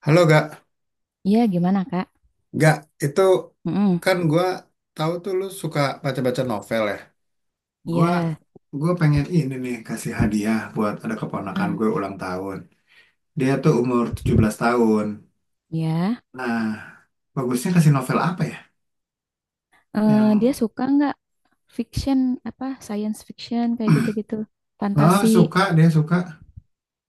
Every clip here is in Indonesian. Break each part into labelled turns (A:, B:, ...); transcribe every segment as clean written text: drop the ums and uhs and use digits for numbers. A: Halo, Gak.
B: Iya, gimana, Kak?
A: Gak, itu
B: Mm-mm.
A: kan gua tahu tuh lu suka baca-baca novel ya. Gua
B: Iya.
A: gua pengen ini nih kasih hadiah buat ada keponakan
B: Heeh.
A: gue ulang tahun. Dia tuh umur 17 tahun.
B: Ya.
A: Nah, bagusnya kasih novel apa ya?
B: Dia
A: Yang
B: suka nggak fiction, apa, science fiction, kayak gitu-gitu.
A: oh,
B: Fantasi.
A: suka, dia suka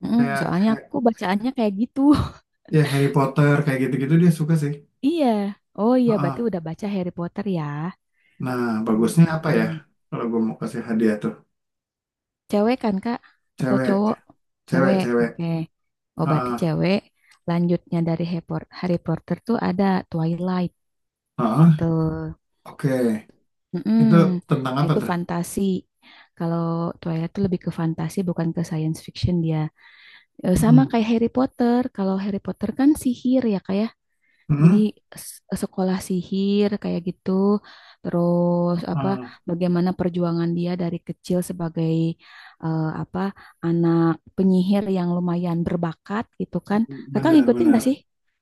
B: Mm-mm,
A: kayak
B: soalnya aku bacaannya kayak gitu.
A: Ya Harry Potter kayak gitu-gitu dia suka sih.
B: Iya. Oh iya,
A: Heeh.
B: berarti udah baca Harry Potter ya.
A: Nah, bagusnya apa ya?
B: Mm-mm.
A: Kalau gue mau kasih hadiah tuh
B: Cewek kan, Kak? Atau
A: cewek,
B: cowok?
A: cewek,
B: Cewek,
A: cewek.
B: oke. Oh, berarti
A: Heeh.
B: cewek. Lanjutnya dari Harry Potter tuh ada Twilight, gitu.
A: Heeh. Oke,
B: Mm-mm.
A: itu tentang
B: Nah,
A: apa
B: itu
A: tuh?
B: fantasi. Kalau Twilight itu lebih ke fantasi, bukan ke science fiction dia. Sama
A: Mm-mm.
B: kayak Harry Potter. Kalau Harry Potter kan sihir ya kayak. Jadi
A: Mm-mm.
B: sekolah sihir kayak gitu. Terus apa
A: Ah,
B: bagaimana perjuangan dia dari kecil sebagai apa anak penyihir yang lumayan berbakat gitu kan. Kakak
A: benar,
B: ngikutin
A: benar.
B: gak sih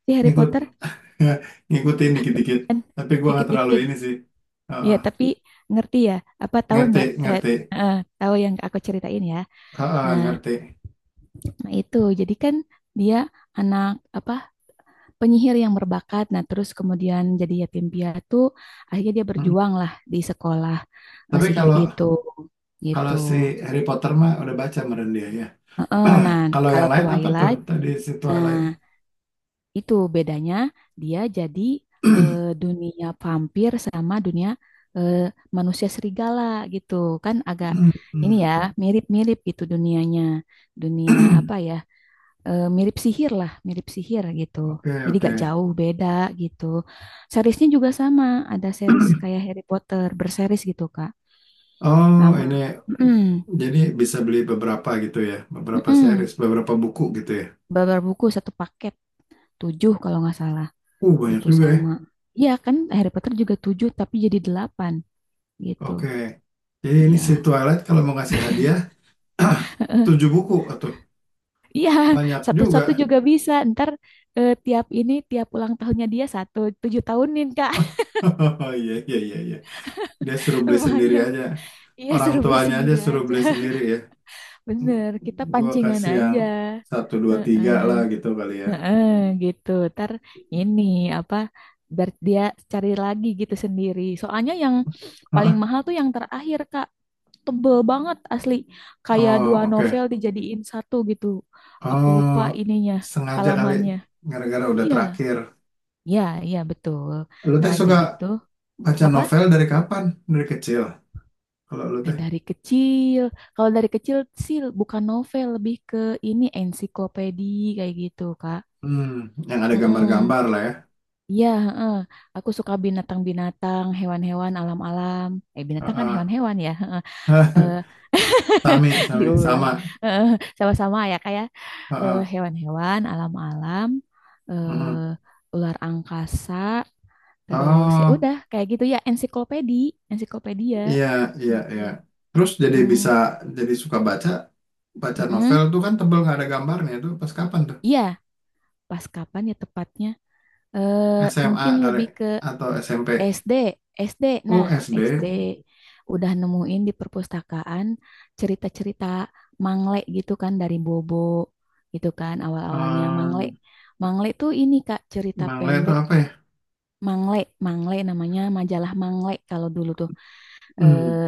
B: si Harry
A: Ngikut,
B: Potter?
A: ngikutin dikit-dikit.
B: Kan
A: Tapi gua nggak terlalu
B: dikit-dikit.
A: ini sih. Ah,
B: Iya,
A: ah.
B: tapi ngerti ya, apa tahu
A: Ngerti,
B: nggak?
A: ngerti.
B: Eh, tahu yang aku ceritain ya.
A: Ah, ah,
B: Nah,
A: ngerti.
B: nah itu jadi kan dia anak apa penyihir yang berbakat. Nah, terus kemudian jadi yatim piatu. Akhirnya dia
A: Mm.
B: berjuang lah di sekolah
A: Tapi
B: sihir
A: kalau
B: itu,
A: kalau
B: gitu.
A: si Harry Potter mah udah baca meren dia ya.
B: Heeh, nah,
A: Kalau yang
B: kalau
A: lain apa tuh?
B: Twilight,
A: Tadi si
B: nah
A: Twilight.
B: itu bedanya dia jadi eh, dunia vampir sama dunia eh, manusia serigala gitu. Kan agak ini
A: Mm.
B: ya mirip-mirip gitu dunianya. Dunia apa ya? Mirip sihir lah, mirip sihir gitu.
A: Oke,
B: Jadi
A: oke.
B: gak jauh beda gitu. Seriesnya juga sama, ada series kayak Harry Potter berseries gitu, Kak.
A: Oh,
B: Lama.
A: ini
B: Mm-mm.
A: jadi bisa beli beberapa gitu ya, beberapa
B: Mm-mm.
A: series, beberapa buku gitu ya.
B: Babar buku satu paket, tujuh kalau nggak salah,
A: Banyak
B: gitu
A: juga ya.
B: sama. Iya kan Harry Potter juga tujuh tapi jadi delapan gitu.
A: Oke. Jadi ini si
B: Iya.
A: Twilight kalau mau ngasih hadiah tujuh buku atau
B: Iya,
A: banyak
B: satu-satu
A: juga.
B: juga bisa. Ntar tiap ini, tiap ulang tahunnya dia satu, tujuh tahunin, Kak.
A: Oh, iya, iya, iya, iya. Dia suruh beli sendiri
B: Lumayan.
A: aja.
B: Iya,
A: Orang
B: suruh beli
A: tuanya aja
B: sendiri
A: suruh
B: aja.
A: beli sendiri ya.
B: Bener, kita
A: Gua
B: pancingan
A: kasih yang
B: aja.
A: satu dua tiga
B: Heeh.
A: lah gitu kali ya.
B: Heeh, gitu. Ntar ini apa biar dia cari lagi gitu sendiri. Soalnya yang paling
A: Ah,
B: mahal tuh yang terakhir, Kak. Tebel banget asli. Kayak
A: oh,
B: dua
A: oke.
B: novel dijadiin satu gitu. Aku
A: Oh,
B: lupa ininya,
A: sengaja kali
B: halamannya.
A: gara-gara udah
B: Iya,
A: terakhir.
B: iya, iya betul.
A: Lu
B: Nah,
A: teh suka
B: jadi tuh
A: baca
B: apa?
A: novel dari kapan? Dari kecil. Kalau lu
B: Dan
A: teh,
B: dari kecil. Kalau dari kecil sih bukan novel, lebih ke ini ensiklopedia kayak gitu, Kak.
A: hmm, yang ada
B: Mm-mm.
A: gambar-gambar lah ya.
B: Iya, heeh. Aku suka binatang-binatang, hewan-hewan, alam-alam. Eh, binatang kan
A: Ah,
B: hewan-hewan ya, heeh.
A: ah.
B: Eh,
A: Sami, sami,
B: diulang.
A: sama.
B: Heeh, sama-sama ya kayak
A: Heeh,
B: hewan-hewan, alam-alam,
A: heeh.
B: ular angkasa, terus ya
A: Oh,
B: udah kayak gitu ya, ensiklopedi, ensiklopedia
A: iya, iya,
B: gitu.
A: iya. Terus jadi bisa
B: Mm-mm.
A: jadi suka baca novel
B: Mm-mm.
A: tuh kan tebel nggak ada gambarnya tuh pas kapan tuh?
B: Iya, pas kapan ya tepatnya?
A: SMA
B: Mungkin
A: kali
B: lebih
A: atau SMP?
B: SD, SD.
A: Oh,
B: Nah,
A: SD.
B: SD udah nemuin di perpustakaan cerita-cerita Mangle gitu kan dari Bobo gitu kan awal-awalnya Mangle.
A: Ehm,
B: Mangle tuh ini Kak cerita
A: Mangle itu
B: pendek
A: apa ya?
B: Mangle, Mangle namanya majalah Mangle kalau dulu tuh eh,
A: Hmm,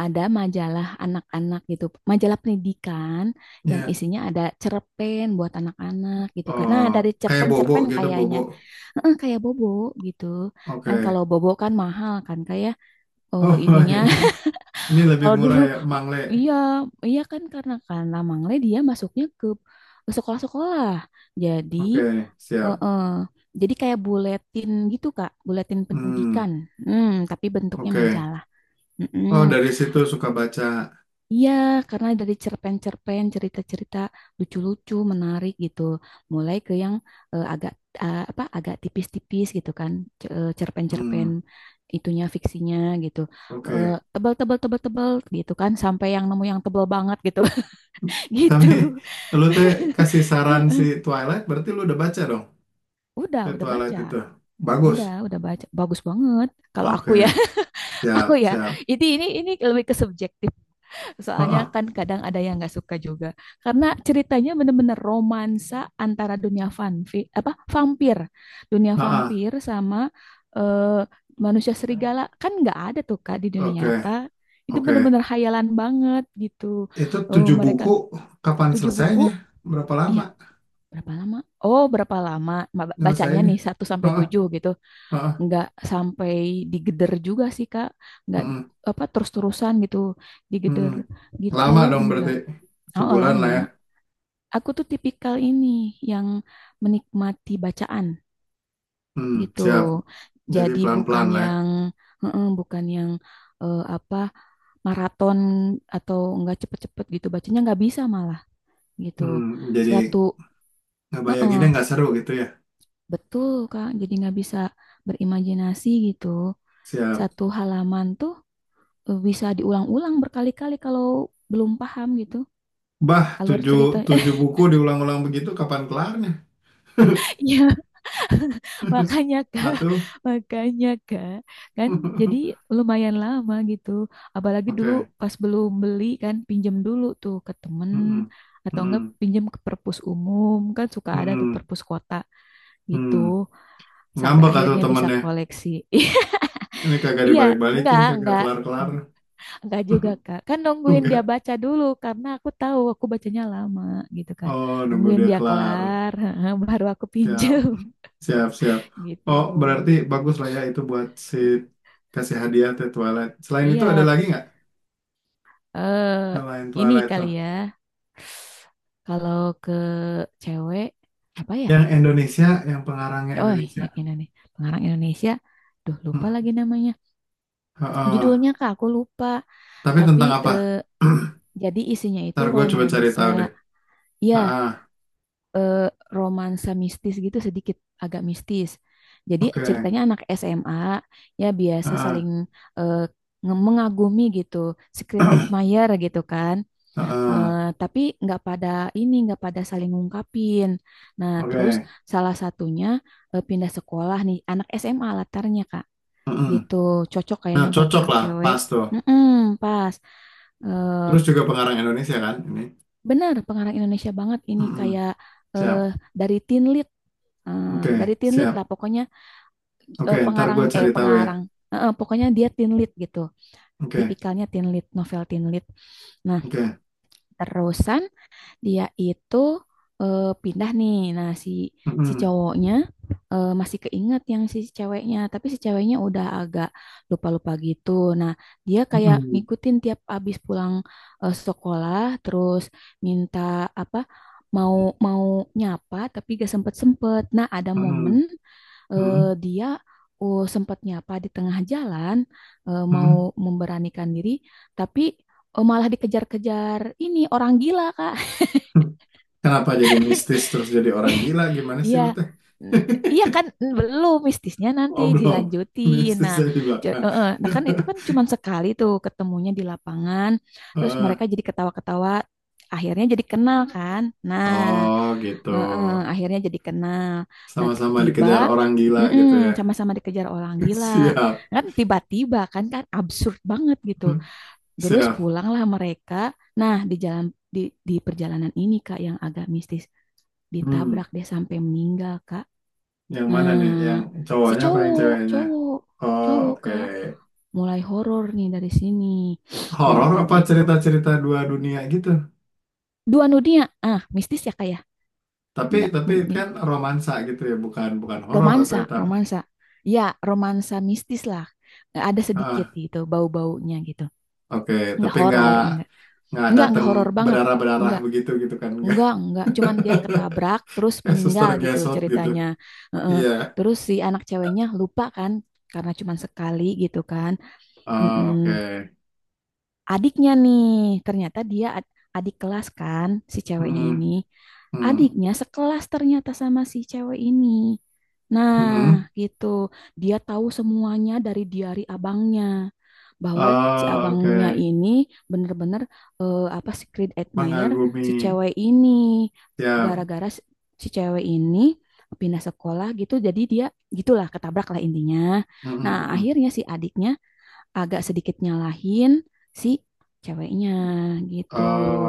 B: ada majalah anak-anak gitu, majalah pendidikan yang
A: ya.
B: isinya ada cerpen buat anak-anak gitu kan. Nah,
A: Oh,
B: dari
A: kayak bobo
B: cerpen-cerpen
A: gitu,
B: kayaknya,
A: bobo.
B: kayak Bobo gitu kan, kalau
A: Oke.
B: bobo kan mahal kan kayak. Oh, ininya
A: Oh, ini lebih
B: kalau dulu
A: murah ya, Mangle.
B: iya, iya kan karena Mangle dia masuknya ke sekolah-sekolah. Jadi
A: Oke,
B: eh,
A: siap.
B: eh, jadi kayak buletin gitu, Kak, buletin
A: Hmm,
B: pendidikan. Hmm, tapi bentuknya
A: oke.
B: majalah. Mm-mm.
A: Oh, dari situ suka baca.
B: Iya, karena dari cerpen-cerpen, cerita-cerita lucu-lucu, menarik gitu. Mulai ke yang agak apa agak tipis-tipis gitu kan, cerpen-cerpen
A: Hmm,
B: itunya fiksinya gitu. Eh,
A: oke.
B: tebal-tebal tebal-tebal gitu kan, sampai yang nemu yang tebal banget gitu. Gitu.
A: Tapi lu teh kasih saran si Twilight, berarti lu udah baca dong si
B: Udah
A: Twilight
B: baca.
A: itu. Bagus.
B: Udah baca. Bagus banget. Kalau aku
A: Oke,
B: ya, aku
A: siap,
B: ya.
A: siap.
B: Ini ini lebih ke subjektif. Soalnya
A: Heeh,
B: kan kadang ada yang nggak suka juga karena ceritanya bener-bener romansa antara dunia vanvi apa vampir, dunia
A: heeh.
B: vampir sama eh, manusia serigala kan nggak ada tuh Kak di dunia nyata.
A: Oke,
B: Itu
A: oke.
B: bener-bener hayalan banget gitu.
A: Itu
B: Eh,
A: tujuh
B: mereka
A: buku, kapan
B: tujuh buku,
A: selesainya? Berapa
B: ya
A: lama
B: berapa lama? Oh berapa lama? Bacanya
A: nyelesainnya?
B: nih satu sampai
A: Heeh,
B: 7 gitu,
A: heeh.
B: nggak sampai digeder juga sih Kak, nggak
A: Mm,
B: apa terus-terusan gitu
A: mm.
B: digeder gitu
A: Lama dong
B: enggak.
A: berarti.
B: Oh, oh,
A: Sebulan
B: lama.
A: lah ya.
B: Aku tuh tipikal ini yang menikmati bacaan
A: Hmm,
B: gitu.
A: siap. Jadi
B: Jadi bukan
A: pelan-pelan lah ya.
B: yang heeh, bukan yang apa maraton atau enggak cepet-cepet gitu bacanya nggak bisa malah gitu.
A: Hmm, jadi
B: Satu
A: ngebayanginnya
B: heeh,
A: nggak seru gitu ya.
B: betul Kak. Jadi nggak bisa berimajinasi gitu.
A: Siap.
B: Satu halaman tuh bisa diulang-ulang berkali-kali kalau belum paham gitu
A: Bah,
B: alur
A: tujuh,
B: cerita.
A: tujuh buku diulang-ulang begitu, kapan kelarnya?
B: Iya, makanya Kak,
A: Atuh.
B: makanya Kak, kan jadi lumayan lama gitu. Apalagi dulu
A: Oke.
B: pas belum beli kan pinjem dulu tuh ke temen
A: Mm-mm.
B: atau enggak
A: Mm-mm.
B: pinjem ke perpus umum kan suka ada tuh
A: Mm-mm.
B: perpus kota gitu
A: Mm.
B: sampai
A: Ngambek atau
B: akhirnya bisa
A: temennya.
B: koleksi.
A: Ini kagak
B: Iya,
A: dibalik-balikin,
B: enggak,
A: kagak
B: enggak.
A: kelar-kelar.
B: Mm, enggak juga Kak. Kan nungguin dia
A: Enggak.
B: baca dulu karena aku tahu aku bacanya lama gitu kan.
A: Oh, nunggu
B: Nungguin
A: dia
B: dia
A: kelar.
B: kelar baru aku
A: Siap,
B: pinjem
A: siap, siap.
B: gitu.
A: Oh, berarti bagus lah ya itu buat si kasih hadiah The Twilight. Selain itu ada
B: Iya,
A: lagi nggak?
B: eh
A: Selain
B: ini
A: Twilight
B: kali
A: tuh.
B: ya. Kalau ke cewek apa ya?
A: Yang Indonesia, yang pengarangnya
B: Oh,
A: Indonesia.
B: yang ini nih. Pengarang Indonesia. Duh, lupa
A: Hmm.
B: lagi namanya.
A: Heeh.
B: Judulnya Kak, aku lupa.
A: Tapi
B: Tapi
A: tentang apa?
B: jadi isinya itu
A: Ntar gue coba cari
B: romansa.
A: tahu deh. Ah,
B: Ya,
A: ah.
B: eh, romansa mistis gitu sedikit agak mistis. Jadi
A: Oke.
B: ceritanya anak SMA ya biasa
A: Heeh.
B: saling eh, mengagumi gitu, secret admirer gitu kan.
A: Heeh,
B: Eh, tapi nggak pada ini, nggak pada saling ngungkapin. Nah, terus
A: oke.
B: salah satunya pindah sekolah nih, anak SMA latarnya Kak,
A: Heeh.
B: gitu. Cocok
A: Nah,
B: kayaknya buat
A: cocok
B: anak
A: lah,
B: cewek.
A: pas tuh.
B: Mm-mm, pas. Eh,
A: Terus juga pengarang Indonesia kan ini.
B: benar, pengarang Indonesia banget ini
A: Heeh.
B: kayak eh,
A: Siap.
B: dari teen lead. Dari
A: Oke,
B: teen lead lah
A: siap.
B: pokoknya
A: Oke,
B: eh,
A: ntar
B: pengarang
A: gue
B: eh
A: cari tahu ya.
B: pengarang, pokoknya dia teen lead gitu,
A: Oke,
B: tipikalnya teen lead, novel teen lead. Nah,
A: oke.
B: terusan. Dia itu pindah nih. Nah, si si
A: Heeh.
B: cowoknya masih keinget yang si ceweknya, tapi si ceweknya udah agak lupa-lupa gitu. Nah, dia kayak
A: Heeh.
B: ngikutin tiap abis pulang sekolah, terus minta apa? Mau mau nyapa tapi gak sempet-sempet. Nah, ada
A: Heeh.
B: momen
A: Heeh.
B: dia. Oh, sempet nyapa di tengah jalan, mau
A: Heeh.
B: memberanikan diri, tapi malah dikejar-kejar ini orang gila, Kak.
A: Kenapa jadi mistis terus jadi orang gila? Gimana sih
B: Iya,
A: lu teh?
B: N- iya kan belum mistisnya nanti
A: Oh, belum.
B: dilanjutin.
A: Mistis
B: Nah,
A: dari di belakang.
B: nah kan itu kan cuman sekali tuh ketemunya di lapangan, terus mereka
A: Heeh.
B: jadi ketawa-ketawa, akhirnya jadi kenal kan. Nah,
A: Oh, gitu.
B: akhirnya jadi kenal. Nah,
A: Sama-sama
B: tiba
A: dikejar orang gila
B: mm-mm,
A: gitu ya.
B: sama-sama dikejar orang gila.
A: Siap.
B: Kan tiba-tiba kan kan absurd banget gitu. Terus
A: Siap.
B: pulanglah mereka. Nah, di jalan di di perjalanan ini Kak yang agak mistis
A: Hmm.
B: ditabrak dia sampai meninggal kak,
A: Yang mana nih? Yang
B: nah si
A: cowoknya apa yang
B: cowok
A: ceweknya?
B: cowok
A: Oh,
B: cowok
A: oke.
B: kak mulai horor nih dari sini, nah
A: Horor
B: udah
A: apa
B: gitu
A: cerita-cerita dua dunia gitu?
B: dua dunia ah mistis ya kak ya
A: Tapi
B: nggak.
A: tapi
B: Mm, mm,
A: kan romansa gitu ya, bukan bukan horor atau
B: romansa
A: eta.
B: romansa ya romansa mistis lah ada sedikit
A: Ah,
B: gitu bau-baunya gitu,
A: oke.
B: nggak
A: Tapi nggak
B: horor nggak
A: nggak
B: nggak nggak
A: datang
B: horor banget
A: berdarah-berdarah
B: nggak.
A: begitu gitu kan? Nggak
B: Enggak, enggak. Cuman dia ketabrak terus
A: kayak suster
B: meninggal gitu
A: gesot gitu.
B: ceritanya. Heeh.
A: Iya.
B: Terus si anak ceweknya lupa kan karena cuman sekali gitu kan.
A: Oh,
B: Mm-mm,
A: oke.
B: adiknya nih ternyata dia adik kelas kan si ceweknya
A: Mm-mm.
B: ini,
A: Hmm.
B: adiknya sekelas ternyata sama si cewek ini, nah
A: Hmm. Mm.
B: gitu dia tahu semuanya dari diari abangnya bahwa si
A: Oh,
B: abangnya
A: oke.
B: ini bener-bener apa secret admirer
A: Mengagumi.
B: si cewek ini.
A: Ya.
B: Gara-gara si si cewek ini pindah sekolah gitu, jadi dia gitulah ketabrak lah intinya. Nah,
A: Mm-mm.
B: akhirnya si adiknya agak sedikit nyalahin si ceweknya gitu.
A: Oh,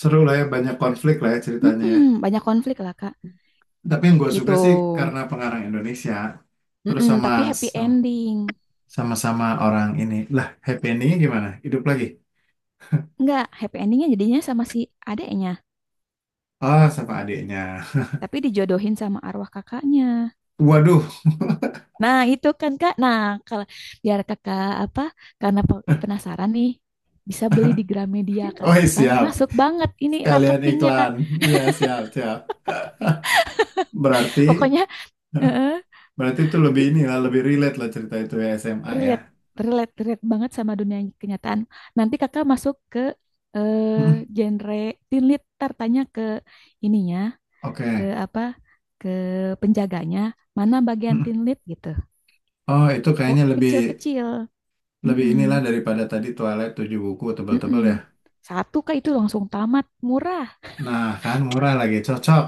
A: seru lah ya, banyak konflik lah ya ceritanya, ya.
B: Mm-mm, banyak konflik lah Kak
A: Tapi yang gue
B: gitu.
A: suka sih karena pengarang Indonesia, terus
B: Mm-mm,
A: sama
B: tapi happy ending.
A: sama sama orang ini. Lah, happy endingnya gimana? Hidup lagi?
B: Enggak, happy endingnya jadinya sama si adeknya,
A: Oh, sama adiknya.
B: tapi dijodohin sama arwah kakaknya.
A: Waduh,
B: Nah, itu kan Kak. Nah, kalau biar Kakak apa? Karena penasaran nih, bisa beli di Gramedia Kak.
A: oh, iya,
B: Tuh kan
A: siap.
B: masuk banget ini
A: Sekalian
B: marketingnya Kak.
A: iklan. Iya, siap, siap. Berarti,
B: Pokoknya, heeh,
A: berarti, itu lebih
B: di-
A: ini lah, lebih relate lah cerita itu ya SMA ya.
B: relate, relate banget sama dunia kenyataan. Nanti kakak masuk ke
A: Hmm,
B: genre teen lit, tanya ke ininya, ke
A: oke.
B: apa, ke penjaganya, mana bagian
A: Hmm.
B: teen lit gitu.
A: Oh, itu
B: Oh
A: kayaknya lebih
B: kecil-kecil,
A: lebih inilah
B: mm-mm.
A: daripada tadi Twilight 7 buku
B: Mm-mm.
A: tebal-tebal ya.
B: Satu kak itu langsung tamat, murah,
A: Nah, kan murah lagi, cocok.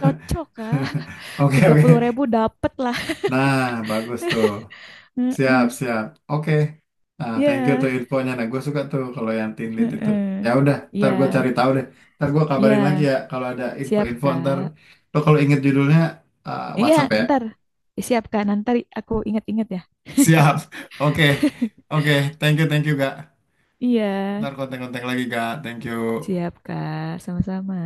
B: cocok kak,
A: Oke,
B: tiga
A: oke.
B: puluh ribu dapet lah.
A: Nah, bagus tuh. Siap,
B: Heeh.
A: siap. Oke. Nah, thank you tuh
B: Ya,
A: infonya. Nah, gue suka tuh kalau yang team lead itu. Ya
B: heeh.
A: udah, ntar
B: Ya,
A: gue cari tahu deh. Ntar gue kabarin lagi
B: ya,
A: ya kalau ada
B: siap
A: info-info. Ntar
B: kak.
A: lo kalau inget judulnya
B: Iya,
A: WhatsApp ya.
B: ntar siap kak, nanti aku ingat-ingat ya.
A: Siap. Oke. Oke. Thank you, Gak.
B: Iya,
A: Ntar kontak-kontak lagi, Gak. Thank you.
B: siap Kak, sama-sama.